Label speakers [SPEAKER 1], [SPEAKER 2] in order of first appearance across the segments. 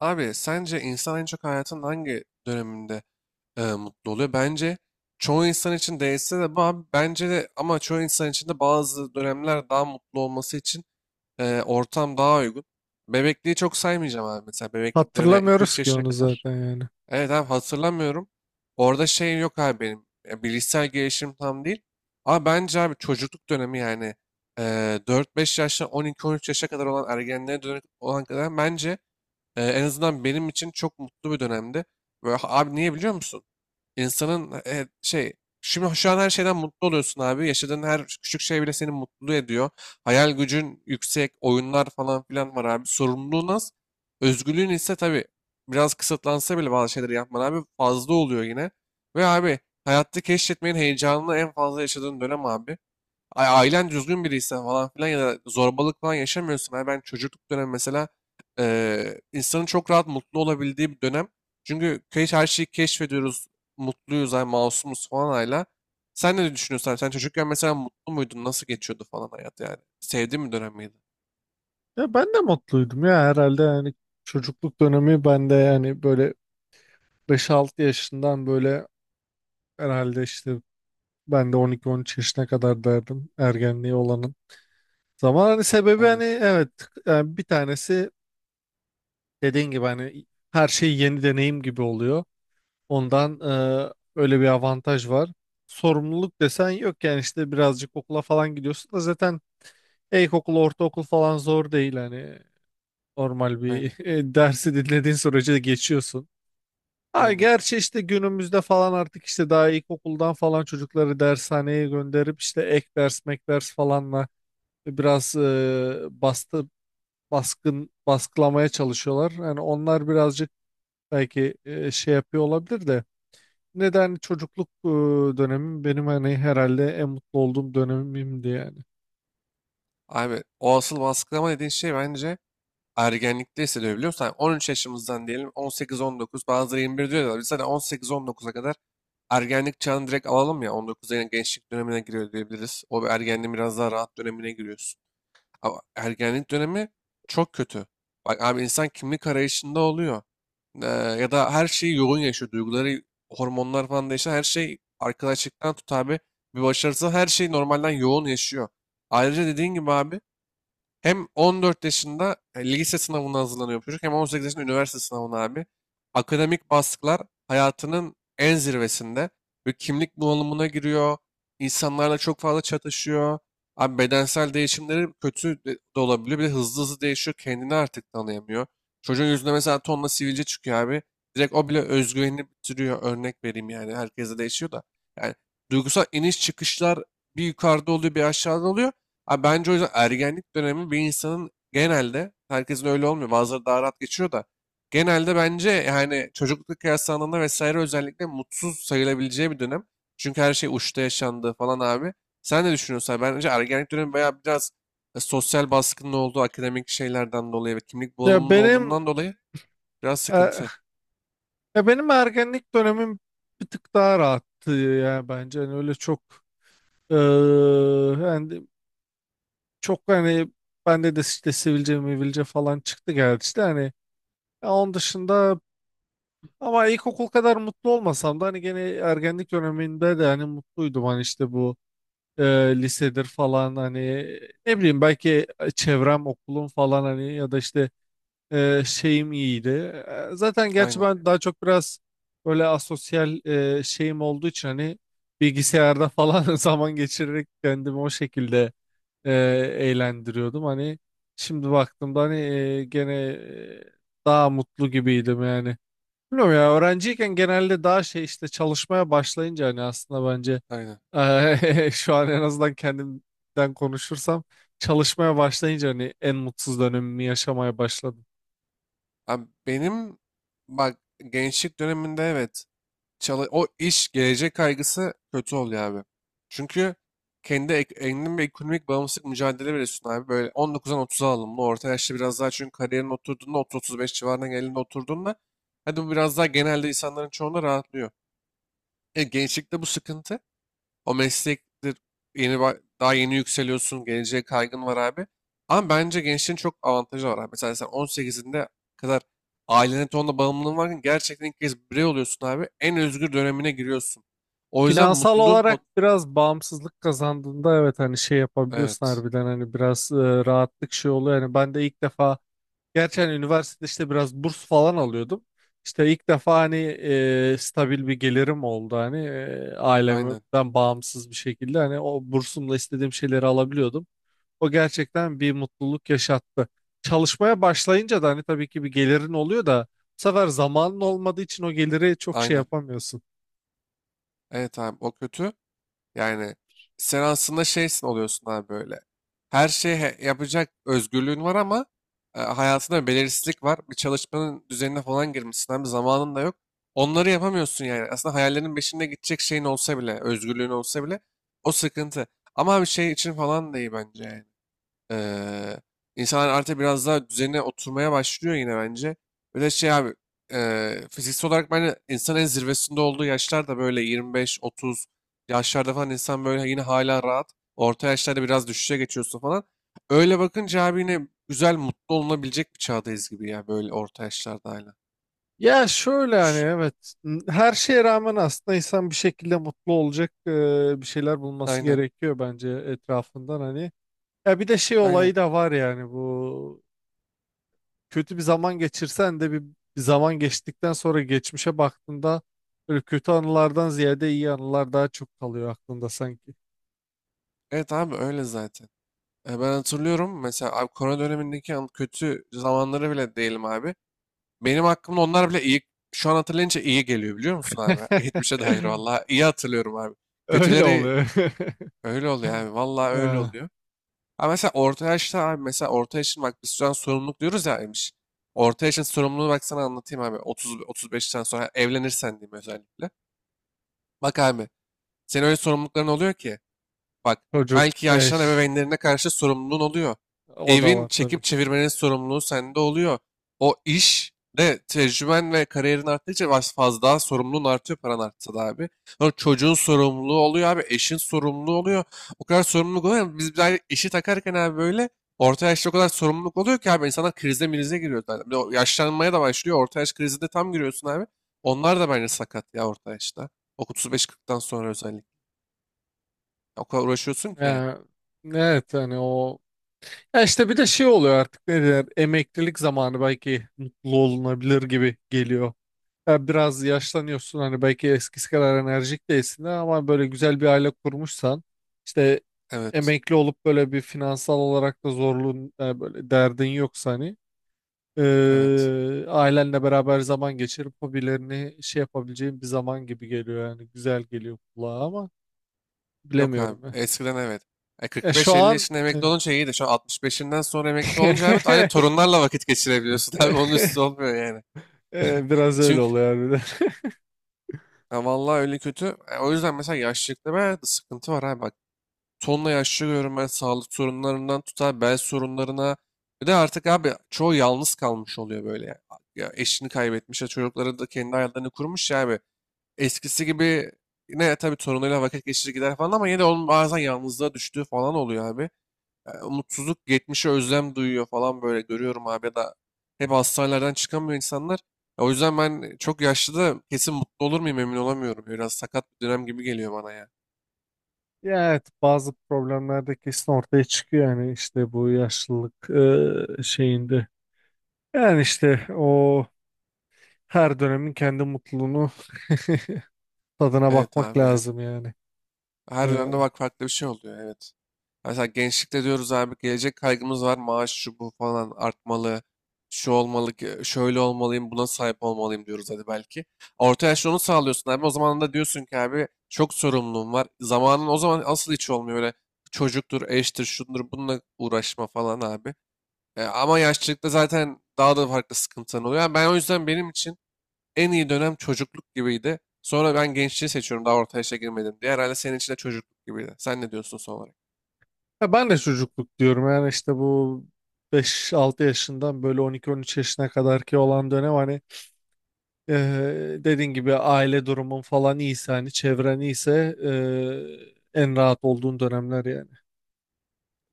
[SPEAKER 1] Abi sence insan en çok hayatın hangi döneminde mutlu oluyor? Bence çoğu insan için değilse de bu abi bence de, ama çoğu insan için de bazı dönemler daha mutlu olması için ortam daha uygun. Bebekliği çok saymayacağım abi, mesela bebeklik dönemi yani iki üç
[SPEAKER 2] Hatırlamıyoruz ki
[SPEAKER 1] yaşına
[SPEAKER 2] onu
[SPEAKER 1] kadar.
[SPEAKER 2] zaten yani.
[SPEAKER 1] Evet abi, hatırlamıyorum. Orada şey yok abi benim. Bilişsel gelişim tam değil. Ama bence abi çocukluk dönemi yani e, 4-5 yaştan on iki on üç yaşa kadar olan ergenliğe dönük olan kadar, bence en azından benim için çok mutlu bir dönemdi. Böyle, abi, niye biliyor musun? İnsanın şimdi şu an her şeyden mutlu oluyorsun abi. Yaşadığın her küçük şey bile seni mutlu ediyor. Hayal gücün yüksek, oyunlar falan filan var abi. Sorumluluğun az. Özgürlüğün ise tabii biraz kısıtlansa bile bazı şeyleri yapman abi fazla oluyor yine. Ve abi, hayatta keşfetmenin heyecanını en fazla yaşadığın dönem abi. Ay, ailen düzgün biriyse falan filan ya da zorbalık falan yaşamıyorsun. Abi ben çocukluk dönemi mesela insanın çok rahat mutlu olabildiği bir dönem. Çünkü her şeyi keşfediyoruz. Mutluyuz, ay masumuz falan hala. Sen ne düşünüyorsun abi? Sen çocukken mesela mutlu muydun? Nasıl geçiyordu falan hayat yani? Sevdiğin bir dönem miydi?
[SPEAKER 2] Ya ben de mutluydum ya herhalde yani, çocukluk dönemi bende yani böyle 5-6 yaşından böyle herhalde işte ben de 12-13 yaşına kadar derdim ergenliği olanın. Zaman hani sebebi hani,
[SPEAKER 1] Aynen,
[SPEAKER 2] evet, yani bir tanesi dediğin gibi hani her şey yeni deneyim gibi oluyor. Ondan öyle bir avantaj var. Sorumluluk desen yok yani, işte birazcık okula falan gidiyorsun da zaten ilkokul, ortaokul falan zor değil hani. Normal
[SPEAKER 1] aynen,
[SPEAKER 2] bir dersi dinlediğin sürece de geçiyorsun. Ha,
[SPEAKER 1] aynen.
[SPEAKER 2] gerçi işte günümüzde falan artık işte daha ilkokuldan falan çocukları dershaneye gönderip işte ek ders mek ders falanla biraz baskın baskılamaya çalışıyorlar. Yani onlar birazcık belki şey yapıyor olabilir de, neden çocukluk dönemim benim hani herhalde en mutlu olduğum dönemimdi yani.
[SPEAKER 1] Abi o asıl baskılama dediğin şey, bence ergenlikte hissedebiliyorsan 13 yaşımızdan diyelim 18-19, bazıları 21 diyorlar. Biz hani 18-19'a kadar ergenlik çağını direkt alalım, ya 19'a yine gençlik dönemine giriyor diyebiliriz. O bir ergenliğin biraz daha rahat dönemine giriyorsun. Ama ergenlik dönemi çok kötü. Bak abi, insan kimlik arayışında oluyor. Ya da her şeyi yoğun yaşıyor. Duyguları, hormonlar falan değişiyor. Her şey, arkadaşlıktan tut abi. Bir başarısı, her şey normalden yoğun yaşıyor. Ayrıca dediğin gibi abi, hem 14 yaşında lise sınavına hazırlanıyor çocuk, hem 18 yaşında üniversite sınavına abi. Akademik baskılar hayatının en zirvesinde. Ve kimlik bunalımına giriyor. İnsanlarla çok fazla çatışıyor. Abi bedensel değişimleri kötü de de olabiliyor. Bir de hızlı hızlı değişiyor. Kendini artık tanıyamıyor. Çocuğun yüzünde mesela tonla sivilce çıkıyor abi. Direkt o bile özgüvenini bitiriyor. Örnek vereyim yani. Herkese değişiyor da. Yani duygusal iniş çıkışlar, bir yukarıda oluyor bir aşağıda oluyor. Abi bence o yüzden ergenlik dönemi bir insanın genelde, herkesin öyle olmuyor. Bazıları daha rahat geçiyor da. Genelde bence yani çocukluk kıyaslandığında vesaire, özellikle mutsuz sayılabileceği bir dönem. Çünkü her şey uçta yaşandı falan abi. Sen ne düşünüyorsun abi? Bence ergenlik dönemi bayağı biraz sosyal baskının olduğu akademik şeylerden dolayı ve kimlik
[SPEAKER 2] Ya
[SPEAKER 1] bulanımının
[SPEAKER 2] benim
[SPEAKER 1] olduğundan dolayı biraz
[SPEAKER 2] e,
[SPEAKER 1] sıkıntı.
[SPEAKER 2] Ya benim ergenlik dönemim bir tık daha rahattı ya bence. Hani öyle çok, hani çok hani bende de işte sivilce mivilce falan çıktı geldi işte hani, ya onun dışında ama ilkokul kadar mutlu olmasam da hani gene ergenlik döneminde de hani mutluydum hani işte bu, lisedir falan hani, ne bileyim, belki çevrem okulum falan hani ya da işte şeyim iyiydi. Zaten gerçi
[SPEAKER 1] Aynen,
[SPEAKER 2] ben daha çok biraz böyle asosyal şeyim olduğu için hani bilgisayarda falan zaman geçirerek kendimi o şekilde e, eğlendiriyordum. Hani şimdi baktığımda hani gene daha mutlu gibiydim yani. Bilmiyorum ya, öğrenciyken genelde daha şey, işte çalışmaya başlayınca hani aslında bence
[SPEAKER 1] aynen.
[SPEAKER 2] şu an, en azından kendimden konuşursam, çalışmaya başlayınca hani en mutsuz dönemimi yaşamaya başladım.
[SPEAKER 1] Abi benim, bak, gençlik döneminde evet. O iş, gelecek kaygısı kötü oluyor abi. Çünkü kendin ve ekonomik bağımsızlık mücadele veriyorsun abi. Böyle 19'dan 30'a alımlı. Orta yaşta biraz daha, çünkü kariyerin oturduğunda 30-35 civarına geldiğinde, oturduğunda, hadi bu biraz daha genelde insanların çoğunda rahatlıyor. Gençlikte bu sıkıntı. O meslektir. Daha yeni yükseliyorsun. Geleceğe kaygın var abi. Ama bence gençlerin çok avantajı var abi. Mesela sen 18'inde kadar ailene tonla bağımlılığın varken gerçekten ilk kez birey oluyorsun abi. En özgür dönemine giriyorsun. O yüzden
[SPEAKER 2] Finansal
[SPEAKER 1] mutluluğun pot...
[SPEAKER 2] olarak biraz bağımsızlık kazandığında evet hani şey yapabiliyorsun
[SPEAKER 1] Evet.
[SPEAKER 2] harbiden, hani biraz rahatlık şey oluyor. Yani ben de ilk defa, gerçi hani üniversitede işte biraz burs falan alıyordum. İşte ilk defa hani stabil bir gelirim oldu hani,
[SPEAKER 1] Aynen.
[SPEAKER 2] ailemden bağımsız bir şekilde hani, o bursumla istediğim şeyleri alabiliyordum. O gerçekten bir mutluluk yaşattı. Çalışmaya başlayınca da hani tabii ki bir gelirin oluyor da, bu sefer zamanın olmadığı için o geliri çok şey
[SPEAKER 1] Aynen.
[SPEAKER 2] yapamıyorsun.
[SPEAKER 1] Evet abi o kötü. Yani sen aslında şeysin oluyorsun abi, böyle. Her şeyi yapacak özgürlüğün var ama hayatında belirsizlik var. Bir çalışmanın düzenine falan girmişsin abi, zamanın da yok. Onları yapamıyorsun yani. Aslında hayallerin peşinde gidecek şeyin olsa bile, özgürlüğün olsa bile, o sıkıntı. Ama bir şey için falan da iyi bence yani. Eee insanlar artık biraz daha düzenine oturmaya başlıyor yine bence. Bir de abi fiziksel olarak bence insanın en zirvesinde olduğu yaşlar da böyle 25-30 yaşlarda falan, insan böyle yine hala rahat. Orta yaşlarda biraz düşüşe geçiyorsun falan. Öyle bakınca abi yine güzel, mutlu olunabilecek bir çağdayız gibi, ya böyle orta yaşlarda hala.
[SPEAKER 2] Ya şöyle, hani evet, her şeye rağmen aslında insan bir şekilde mutlu olacak bir şeyler bulması
[SPEAKER 1] Aynen,
[SPEAKER 2] gerekiyor bence etrafından hani. Ya bir de şey
[SPEAKER 1] aynen.
[SPEAKER 2] olayı da var yani, bu kötü bir zaman geçirsen de bir zaman geçtikten sonra geçmişe baktığında böyle kötü anılardan ziyade iyi anılar daha çok kalıyor aklında sanki.
[SPEAKER 1] Evet abi öyle zaten. Ben hatırlıyorum mesela abi, korona dönemindeki kötü zamanları bile değilim abi. Benim hakkımda onlar bile iyi, şu an hatırlayınca iyi geliyor, biliyor musun abi? Hiçbir şey dair vallahi iyi hatırlıyorum abi.
[SPEAKER 2] Öyle
[SPEAKER 1] Kötüleri
[SPEAKER 2] oluyor.
[SPEAKER 1] öyle oluyor abi. Vallahi öyle
[SPEAKER 2] Ee,
[SPEAKER 1] oluyor. Ha, mesela orta yaşta abi, mesela orta yaşın, bak biz şu an sorumluluk diyoruz ya Emiş. Orta yaşın sorumluluğunu bak sana anlatayım abi. 30 35'ten sonra evlenirsen diyeyim, özellikle. Bak abi, senin öyle sorumlulukların oluyor ki. Bak,
[SPEAKER 2] Çocuk,
[SPEAKER 1] belki yaşlanan
[SPEAKER 2] eş,
[SPEAKER 1] ebeveynlerine karşı sorumluluğun oluyor.
[SPEAKER 2] o da
[SPEAKER 1] Evin
[SPEAKER 2] var tabii.
[SPEAKER 1] çekip çevirmenin sorumluluğu sende oluyor. O iş de, tecrüben ve kariyerin arttıkça fazla daha sorumluluğun artıyor, paran artsa da abi. Sonra çocuğun sorumluluğu oluyor abi. Eşin sorumluluğu oluyor. O kadar sorumluluk oluyor ki, biz bir daha işi takarken abi, böyle orta yaşta o kadar sorumluluk oluyor ki abi, insanlar krize mirize giriyor zaten. Bir de o yaşlanmaya da başlıyor. Orta yaş krizinde tam giriyorsun abi. Onlar da bence sakat ya orta yaşta. O 35-40'tan sonra özellikle. O kadar uğraşıyorsun ki yani.
[SPEAKER 2] Yani, evet hani o. Ya işte bir de şey oluyor, artık ne derler, emeklilik zamanı belki mutlu olunabilir gibi geliyor. Ya biraz yaşlanıyorsun hani, belki eskisi kadar enerjik değilsin de ama böyle güzel bir aile kurmuşsan, işte
[SPEAKER 1] Evet.
[SPEAKER 2] emekli olup böyle bir finansal olarak da zorluğun, böyle derdin yoksa hani,
[SPEAKER 1] Evet.
[SPEAKER 2] ailenle beraber zaman geçirip hobilerini şey yapabileceğin bir zaman gibi geliyor yani, güzel geliyor kulağa ama
[SPEAKER 1] Yok
[SPEAKER 2] bilemiyorum.
[SPEAKER 1] abi.
[SPEAKER 2] Ya,
[SPEAKER 1] Eskiden evet.
[SPEAKER 2] Şu
[SPEAKER 1] 45-50
[SPEAKER 2] an
[SPEAKER 1] yaşında emekli olunca iyiydi. Şu an 65'inden sonra emekli olunca, evet, aynı torunlarla vakit geçirebiliyorsun abi. Onun üstü olmuyor yani.
[SPEAKER 2] Biraz öyle
[SPEAKER 1] Çünkü
[SPEAKER 2] oluyor harbiden.
[SPEAKER 1] ya vallahi öyle kötü. O yüzden mesela yaşlılıkta ben sıkıntı var abi. Bak, tonla yaşlı görüyorum ben, sağlık sorunlarından tutar bel sorunlarına. Bir de artık abi çoğu yalnız kalmış oluyor böyle. Ya, ya eşini kaybetmiş, ya çocukları da kendi hayatlarını kurmuş, ya abi. Eskisi gibi yine tabii torunuyla vakit geçirir gider falan, ama yine de onun bazen yalnızlığa düştüğü falan oluyor abi. Yani umutsuzluk, geçmişe özlem duyuyor falan, böyle görüyorum abi, ya da hep hastanelerden çıkamıyor insanlar. Ya o yüzden ben çok yaşlı da kesin mutlu olur muyum, emin olamıyorum. Biraz sakat bir dönem gibi geliyor bana ya.
[SPEAKER 2] Ya evet, bazı problemler de kesin ortaya çıkıyor yani işte bu yaşlılık şeyinde. Yani işte o, her dönemin kendi mutluluğunu tadına
[SPEAKER 1] Evet
[SPEAKER 2] bakmak
[SPEAKER 1] abi yani.
[SPEAKER 2] lazım yani.
[SPEAKER 1] Her
[SPEAKER 2] Ee,
[SPEAKER 1] dönemde bak farklı bir şey oluyor, evet. Mesela gençlikte diyoruz abi, gelecek kaygımız var. Maaş şu bu falan artmalı. Şu olmalı ki, şöyle olmalıyım, buna sahip olmalıyım diyoruz, hadi belki. Orta yaşta onu sağlıyorsun abi. O zaman da diyorsun ki abi, çok sorumluluğum var. Zamanın o zaman asıl hiç olmuyor. Öyle çocuktur, eştir, şundur, bununla uğraşma falan abi. Ama yaşlılıkta zaten daha da farklı sıkıntılar oluyor. Yani ben o yüzden, benim için en iyi dönem çocukluk gibiydi. Sonra ben gençliği seçiyorum, daha orta yaşa girmedim diye. Herhalde senin için de çocukluk gibiydi. Sen ne diyorsun son olarak?
[SPEAKER 2] ya ben de çocukluk diyorum yani işte bu 5-6 yaşından böyle 12-13 yaşına kadar ki olan dönem hani. Dediğin gibi aile durumun falan iyiyse hani, çevren iyiyse en rahat olduğun dönemler yani.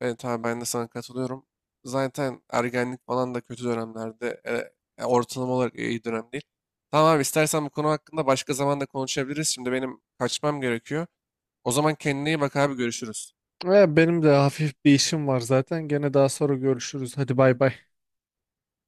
[SPEAKER 1] Evet abi ben de sana katılıyorum. Zaten ergenlik falan da kötü dönemlerde, ortalama olarak iyi dönem değil. Tamam abi, istersen bu konu hakkında başka zaman da konuşabiliriz. Şimdi benim kaçmam gerekiyor. O zaman kendine iyi bak abi, görüşürüz.
[SPEAKER 2] Benim de hafif bir işim var zaten. Gene daha sonra görüşürüz. Hadi bay bay.